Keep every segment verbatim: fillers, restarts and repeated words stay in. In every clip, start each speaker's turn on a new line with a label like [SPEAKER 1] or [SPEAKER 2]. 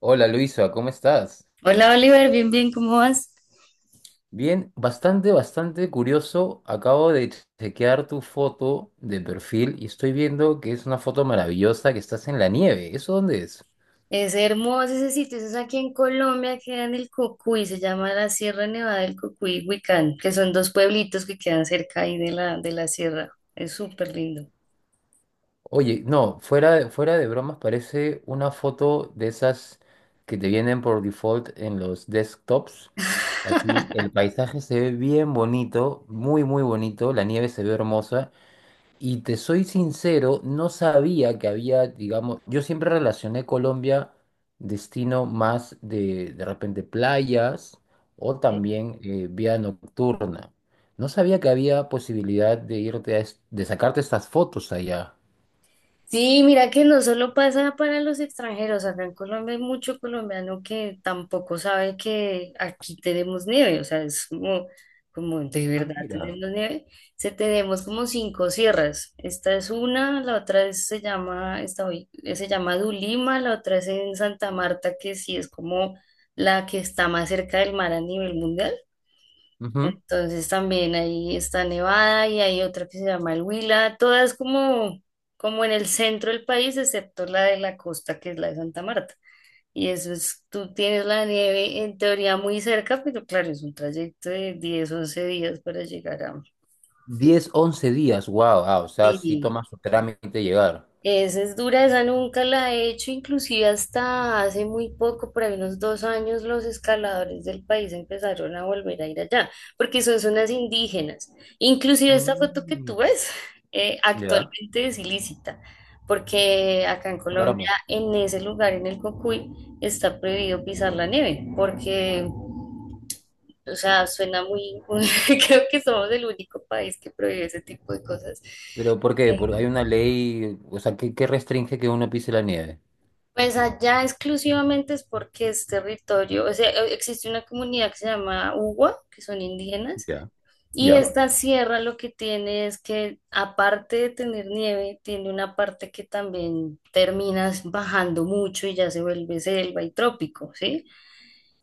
[SPEAKER 1] Hola Luisa, ¿cómo estás?
[SPEAKER 2] Hola Oliver, bien, bien, ¿cómo vas?
[SPEAKER 1] Bien, bastante, bastante curioso. Acabo de chequear tu foto de perfil y estoy viendo que es una foto maravillosa que estás en la nieve. ¿Eso dónde es?
[SPEAKER 2] Es hermoso ese sitio, eso es aquí en Colombia, queda en el Cocuy, se llama la Sierra Nevada del Cocuy y Huicán, que son dos pueblitos que quedan cerca ahí de la, de la sierra, es súper lindo.
[SPEAKER 1] Oye, no, fuera, fuera de bromas parece una foto de esas que te vienen por default en los desktops. Aquí el paisaje se ve bien bonito, muy, muy bonito. La nieve se ve hermosa. Y te soy sincero, no sabía que había, digamos, yo siempre relacioné Colombia, destino más de, de, repente, playas o también eh, vida nocturna. No sabía que había posibilidad de irte a es- de sacarte estas fotos allá.
[SPEAKER 2] Sí, mira que no solo pasa para los extranjeros, acá en Colombia hay mucho colombiano que tampoco sabe que aquí tenemos nieve, o sea, es como, como de
[SPEAKER 1] Ah,
[SPEAKER 2] verdad
[SPEAKER 1] mira.
[SPEAKER 2] tenemos nieve. Se tenemos como cinco sierras, esta es una, la otra es- se llama, esta hoy, se llama Dulima, la otra es en Santa Marta, que sí es como la que está más cerca del mar a nivel mundial.
[SPEAKER 1] Ujú.
[SPEAKER 2] Entonces también ahí está Nevada y hay otra que se llama el Huila, todas como, como en el centro del país, excepto la de la costa, que es la de Santa Marta. Y eso es, tú tienes la nieve en teoría muy cerca, pero claro, es un trayecto de diez once días para llegar a.
[SPEAKER 1] Diez once días, wow, ah, o sea, sí
[SPEAKER 2] Sí.
[SPEAKER 1] toma su trámite llegar.
[SPEAKER 2] Esa es dura, esa nunca la he hecho, inclusive hasta hace muy poco, por ahí unos dos años, los escaladores del país empezaron a volver a ir allá, porque son zonas indígenas. Inclusive esta foto que tú
[SPEAKER 1] Mm.
[SPEAKER 2] ves eh,
[SPEAKER 1] Ya,
[SPEAKER 2] actualmente es ilícita, porque acá en Colombia,
[SPEAKER 1] caramba.
[SPEAKER 2] en ese lugar, en el Cocuy, está prohibido pisar la nieve, porque, o sea, suena muy, muy- creo que somos el único país que prohíbe ese tipo de cosas.
[SPEAKER 1] ¿Pero por qué? Porque hay
[SPEAKER 2] Eh,
[SPEAKER 1] una ley, o sea, que, que restringe que uno pise la nieve.
[SPEAKER 2] Pues allá exclusivamente es porque es territorio, o sea, e- existe una comunidad que se llama Ugua, que son indígenas,
[SPEAKER 1] Ya.
[SPEAKER 2] y
[SPEAKER 1] Ya.
[SPEAKER 2] esta sierra lo que tiene es que, aparte de tener nieve, tiene una parte que también terminas bajando mucho y ya se vuelve selva y trópico, ¿sí?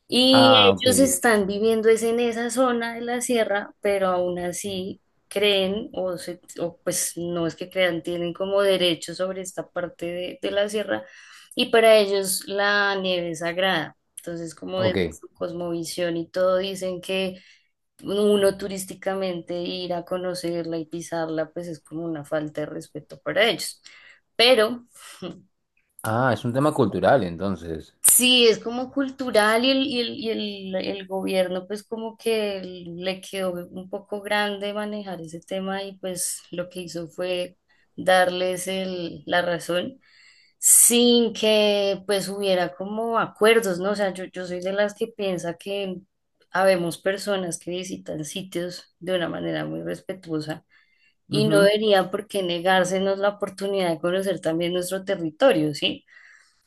[SPEAKER 2] Y
[SPEAKER 1] Ah, ok,
[SPEAKER 2] ellos están viviendo es en esa zona de la sierra, pero aún así creen, o, se- o pues no es que crean, tienen como derecho sobre esta parte de, de la sierra, y para ellos la nieve es sagrada. Entonces, como desde
[SPEAKER 1] ok.
[SPEAKER 2] su cosmovisión y todo, dicen que uno turísticamente ir a conocerla y pisarla, pues es como una falta de respeto para ellos. Pero
[SPEAKER 1] Ah, es un tema cultural entonces.
[SPEAKER 2] sí, es como cultural y el, y el, y el, el gobierno pues como que le quedó un poco grande manejar ese tema y pues lo que hizo fue darles el, la razón sin que pues hubiera como acuerdos, ¿no? O sea, yo, yo soy de las que piensa que habemos personas que visitan sitios de una manera muy respetuosa y no
[SPEAKER 1] Ujú.
[SPEAKER 2] debería por qué negársenos la oportunidad de conocer también nuestro territorio, ¿sí?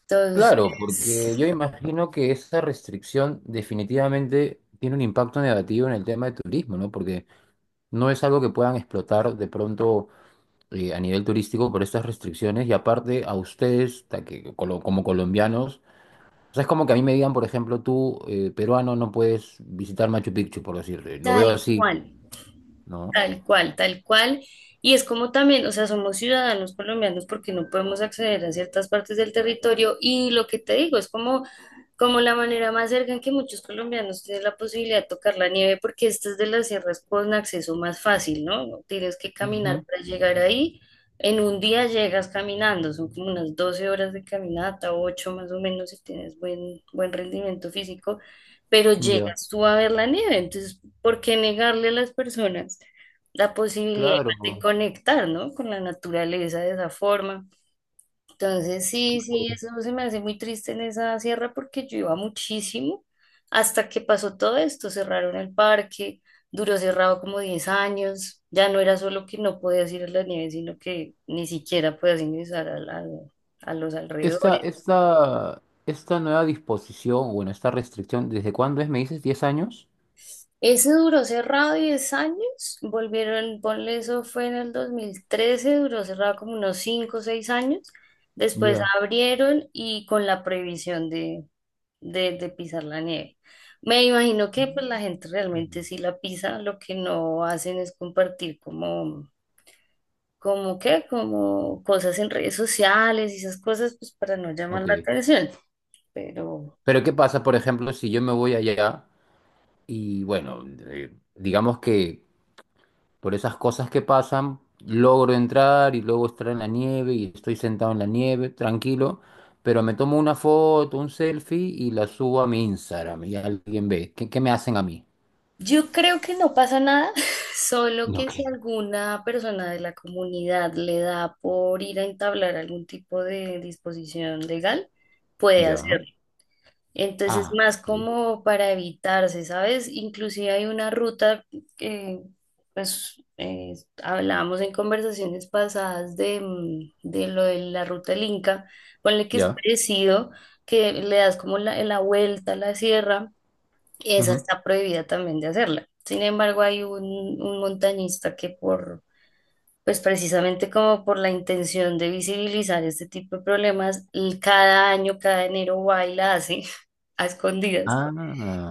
[SPEAKER 2] Entonces,
[SPEAKER 1] Claro, porque yo imagino que esa restricción definitivamente tiene un impacto negativo en el tema de turismo, ¿no? Porque no es algo que puedan explotar de pronto eh, a nivel turístico por estas restricciones y aparte a ustedes, ta- que colo- como colombianos, o sea, es como que a mí me digan, por ejemplo, tú, eh, peruano, no puedes visitar Machu Picchu, por decirte. Lo veo
[SPEAKER 2] tal
[SPEAKER 1] así,
[SPEAKER 2] cual,
[SPEAKER 1] ¿no?
[SPEAKER 2] tal cual, tal cual. Y es como también, o sea, somos ciudadanos colombianos porque no podemos acceder a ciertas partes del territorio y lo que te digo es como Como la manera más cerca en que muchos colombianos tienen la posibilidad de tocar la nieve, porque esta es de las sierras con acceso más fácil, ¿no? No tienes que caminar
[SPEAKER 1] Ujú.
[SPEAKER 2] para llegar ahí. En un día llegas caminando, son como unas doce horas de caminata, ocho más o menos, si tienes buen, buen rendimiento físico, pero
[SPEAKER 1] Ya,
[SPEAKER 2] llegas tú a ver la nieve. Entonces, ¿por qué negarle a las personas la posibilidad de
[SPEAKER 1] claro.
[SPEAKER 2] conectar, ¿no? Con la naturaleza de esa forma? Entonces, sí, sí, eso se me hace muy triste en esa sierra porque yo iba muchísimo hasta que pasó todo esto, cerraron el parque, duró cerrado como diez años, ya no era solo que no podías ir a la nieve, sino que ni siquiera podías ingresar a, la- a los
[SPEAKER 1] Esta,
[SPEAKER 2] alrededores.
[SPEAKER 1] esta, esta nueva disposición, bueno, esta restricción, ¿desde cuándo es? ¿Me dices diez años?
[SPEAKER 2] Ese duró cerrado diez años, volvieron, ponle eso fue en el dos mil trece, duró cerrado como unos cinco o seis años, después
[SPEAKER 1] Ya.
[SPEAKER 2] abrieron y con la prohibición de, de, de pisar la nieve. Me imagino que pues la gente
[SPEAKER 1] Mm.
[SPEAKER 2] realmente sí la pisa, lo que no hacen es compartir como, como qué, como cosas en redes sociales y esas cosas pues para no llamar
[SPEAKER 1] Ok.
[SPEAKER 2] la atención. Pero
[SPEAKER 1] Pero ¿qué pasa, por ejemplo, si yo me voy allá y, bueno, eh, digamos que por esas cosas que pasan, logro entrar y luego estar en la nieve y estoy sentado en la nieve, tranquilo, pero me tomo una foto, un selfie y la subo a mi Instagram y alguien ve. ¿Qué, qué me hacen a mí?
[SPEAKER 2] yo creo que no pasa nada, solo
[SPEAKER 1] No,
[SPEAKER 2] que si alguna persona de la comunidad le da por ir a entablar algún tipo de disposición legal, puede
[SPEAKER 1] ya.
[SPEAKER 2] hacerlo. Entonces,
[SPEAKER 1] Ah,
[SPEAKER 2] más
[SPEAKER 1] ok.
[SPEAKER 2] como para evitarse, ¿sabes? Inclusive hay una ruta que, pues, eh, hablábamos en conversaciones pasadas de, mm, de lo de la ruta del Inca, ponle que es
[SPEAKER 1] Ya.
[SPEAKER 2] parecido, que le das como la, la vuelta a la sierra, esa está prohibida también de hacerla. Sin embargo, hay un, un montañista que por pues precisamente como por la intención de visibilizar este tipo de problemas, y cada año, cada enero va y la hace a escondidas
[SPEAKER 1] Ah,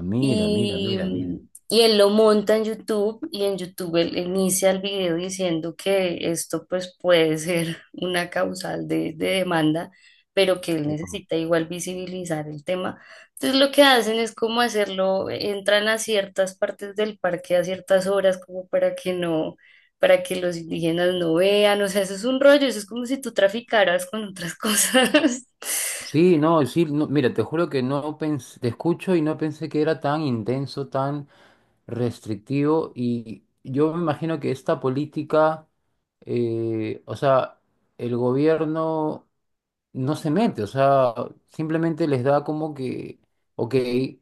[SPEAKER 1] mira, mira, mira, mira.
[SPEAKER 2] y, y él lo monta en YouTube y en YouTube él inicia el video diciendo que esto pues puede ser una causal de, de demanda, pero que él
[SPEAKER 1] Wow.
[SPEAKER 2] necesita igual visibilizar el tema. Entonces lo que hacen es como hacerlo, entran a ciertas partes del parque a ciertas horas como para que no... para que los indígenas no vean, o sea, eso es un rollo, eso es como si tú traficaras con otras cosas,
[SPEAKER 1] Sí, no, sí, no, mira, te juro que no pensé, te escucho y no pensé que era tan intenso, tan restrictivo. Y yo me imagino que esta política, eh, o sea, el gobierno no se mete, o sea, simplemente les da como que, ok, eh,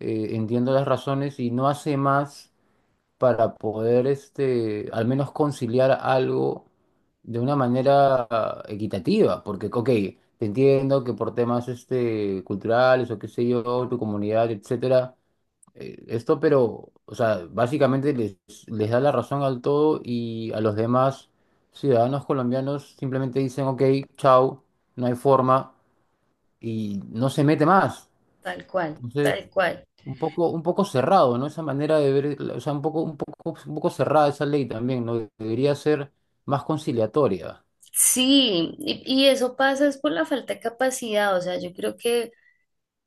[SPEAKER 1] entiendo las razones y no hace más para poder, este, al menos conciliar algo de una manera equitativa, porque, ok, te entiendo que por temas, este, culturales o qué sé yo, tu comunidad, etcétera, eh, esto, pero, o sea, básicamente les, les, da la razón al todo y a los demás ciudadanos colombianos simplemente dicen, ok, chao, no hay forma y no se mete más.
[SPEAKER 2] tal cual,
[SPEAKER 1] Entonces,
[SPEAKER 2] tal cual.
[SPEAKER 1] un poco, un poco cerrado, ¿no? Esa manera de ver, la- o sea, un poco, un poco, un poco cerrada esa ley también, ¿no? Debería ser más conciliatoria,
[SPEAKER 2] Sí, y, y eso pasa es por la falta de capacidad, o sea, yo creo que,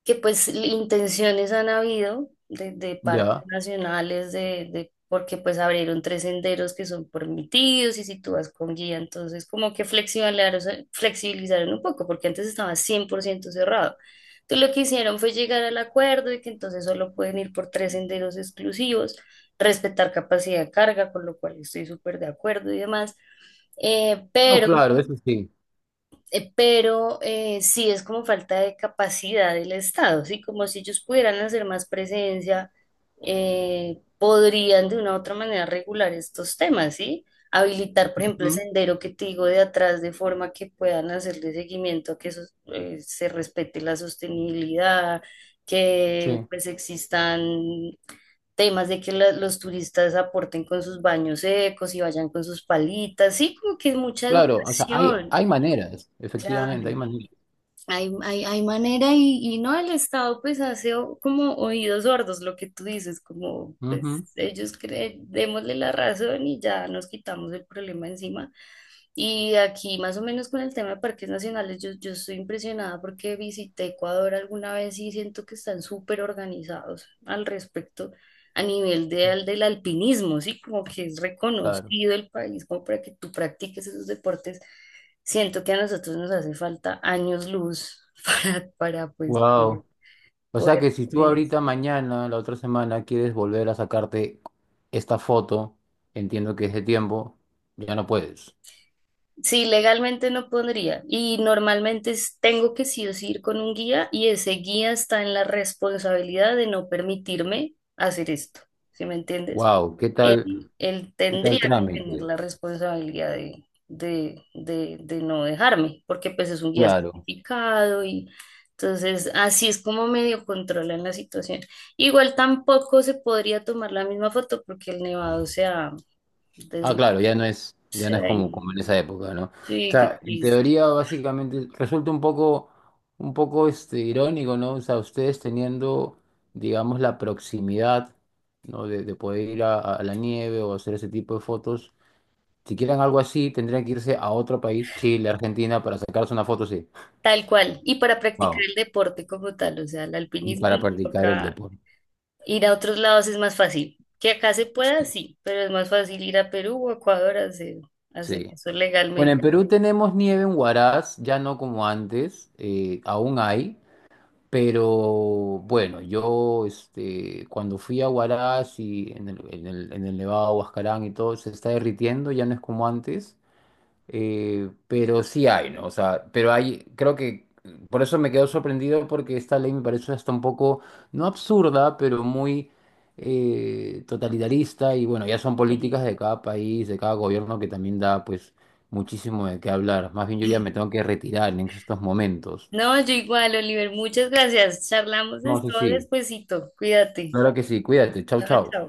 [SPEAKER 2] que pues l- intenciones han habido de, de parques
[SPEAKER 1] ¿ya?
[SPEAKER 2] nacionales, de, de, porque pues abrieron tres senderos que son permitidos y si tú vas con guía, entonces como que flexibilizaron, flexibilizaron un poco, porque antes estaba cien por ciento cerrado. Entonces lo que hicieron fue llegar al acuerdo de que entonces solo pueden ir por tres senderos exclusivos, respetar capacidad de carga, con lo cual estoy súper de acuerdo y demás. Eh,
[SPEAKER 1] No,
[SPEAKER 2] pero
[SPEAKER 1] claro, eso sí.
[SPEAKER 2] eh, Pero eh, sí es como falta de capacidad del Estado, ¿sí? Como si ellos pudieran hacer más presencia, eh, podrían de una u otra manera regular estos temas, ¿sí? Habilitar, por ejemplo, el
[SPEAKER 1] Ujú,
[SPEAKER 2] sendero que te digo de atrás de forma que puedan hacerle seguimiento a que eso, eh, se respete la sostenibilidad, que
[SPEAKER 1] sí,
[SPEAKER 2] pues existan temas de que la- los turistas aporten con sus baños secos y vayan con sus palitas, sí, como que mucha
[SPEAKER 1] claro, o sea, hay,
[SPEAKER 2] educación,
[SPEAKER 1] hay maneras,
[SPEAKER 2] claro.
[SPEAKER 1] efectivamente, hay maneras.
[SPEAKER 2] Hay, hay, hay manera y, y no el Estado pues hace o- como oídos sordos lo que tú dices, como pues
[SPEAKER 1] Ujú,
[SPEAKER 2] ellos creen, démosle la razón y ya nos quitamos el problema encima. Y aquí más o menos con el tema de parques nacionales, yo, yo estoy impresionada porque visité Ecuador alguna vez y siento que están súper organizados al respecto a nivel de, al- del alpinismo, ¿sí? Como que es
[SPEAKER 1] claro.
[SPEAKER 2] reconocido el país como para que tú practiques esos deportes. Siento que a nosotros nos hace falta años luz para, para pues,
[SPEAKER 1] Wow. O sea que
[SPEAKER 2] poder
[SPEAKER 1] si tú
[SPEAKER 2] tener eso.
[SPEAKER 1] ahorita, mañana, la otra semana, quieres volver a sacarte esta foto, entiendo que es de tiempo, ya no puedes.
[SPEAKER 2] Sí, legalmente no podría. Y normalmente es- tengo que sí o sí ir con un guía y ese guía está en la responsabilidad de no permitirme hacer esto. ¿Sí me entiendes?
[SPEAKER 1] Wow, ¿qué tal,
[SPEAKER 2] él, él
[SPEAKER 1] qué tal
[SPEAKER 2] tendría que tener
[SPEAKER 1] trámite?
[SPEAKER 2] la responsabilidad de, de, de, de no dejarme, porque pues es un guía
[SPEAKER 1] Claro.
[SPEAKER 2] certificado y entonces así es como medio controlan la situación. Igual tampoco se podría tomar la misma foto porque el nevado se ha
[SPEAKER 1] Ah,
[SPEAKER 2] des-
[SPEAKER 1] claro, ya no es, ya
[SPEAKER 2] se
[SPEAKER 1] no es
[SPEAKER 2] ha
[SPEAKER 1] como, como
[SPEAKER 2] ido.
[SPEAKER 1] en esa época, ¿no? O
[SPEAKER 2] Sí, qué
[SPEAKER 1] sea, en
[SPEAKER 2] triste.
[SPEAKER 1] teoría, básicamente, resulta un poco, un poco este, irónico, ¿no? O sea, ustedes teniendo, digamos, la proximidad, ¿no? De, de poder ir a, a la nieve o hacer ese tipo de fotos. Si quieren algo así, tendrían que irse a otro país, Chile, Argentina, para sacarse una foto, sí.
[SPEAKER 2] Tal cual. Y para practicar
[SPEAKER 1] Wow.
[SPEAKER 2] el deporte como tal, o sea, el
[SPEAKER 1] Y
[SPEAKER 2] alpinismo
[SPEAKER 1] para
[SPEAKER 2] nos
[SPEAKER 1] practicar el
[SPEAKER 2] toca
[SPEAKER 1] deporte.
[SPEAKER 2] ir a otros lados, es más fácil. Que acá se pueda, sí, pero es más fácil ir a Perú o Ecuador a hacer, a hacer
[SPEAKER 1] Sí.
[SPEAKER 2] eso
[SPEAKER 1] Bueno,
[SPEAKER 2] legalmente.
[SPEAKER 1] en Perú tenemos nieve en Huaraz, ya no como antes, eh, aún hay. Pero bueno, yo este, cuando fui a Huaraz y en el, en el, en el Nevado de Huascarán y todo, se está derritiendo, ya no es como antes, eh, pero sí hay, ¿no? O sea, pero hay, creo que por eso me quedo sorprendido porque esta ley me parece hasta un poco, no absurda, pero muy eh, totalitarista y bueno, ya son
[SPEAKER 2] Eh,
[SPEAKER 1] políticas de cada país, de cada gobierno que también da pues muchísimo de qué hablar. Más bien yo ya me tengo que retirar en estos momentos.
[SPEAKER 2] No, yo igual, Oliver, muchas gracias. Charlamos de
[SPEAKER 1] No,
[SPEAKER 2] esto
[SPEAKER 1] sí, sí.
[SPEAKER 2] despuesito. Cuídate.
[SPEAKER 1] Claro que sí, cuídate, chau,
[SPEAKER 2] Chao,
[SPEAKER 1] chau.
[SPEAKER 2] chao.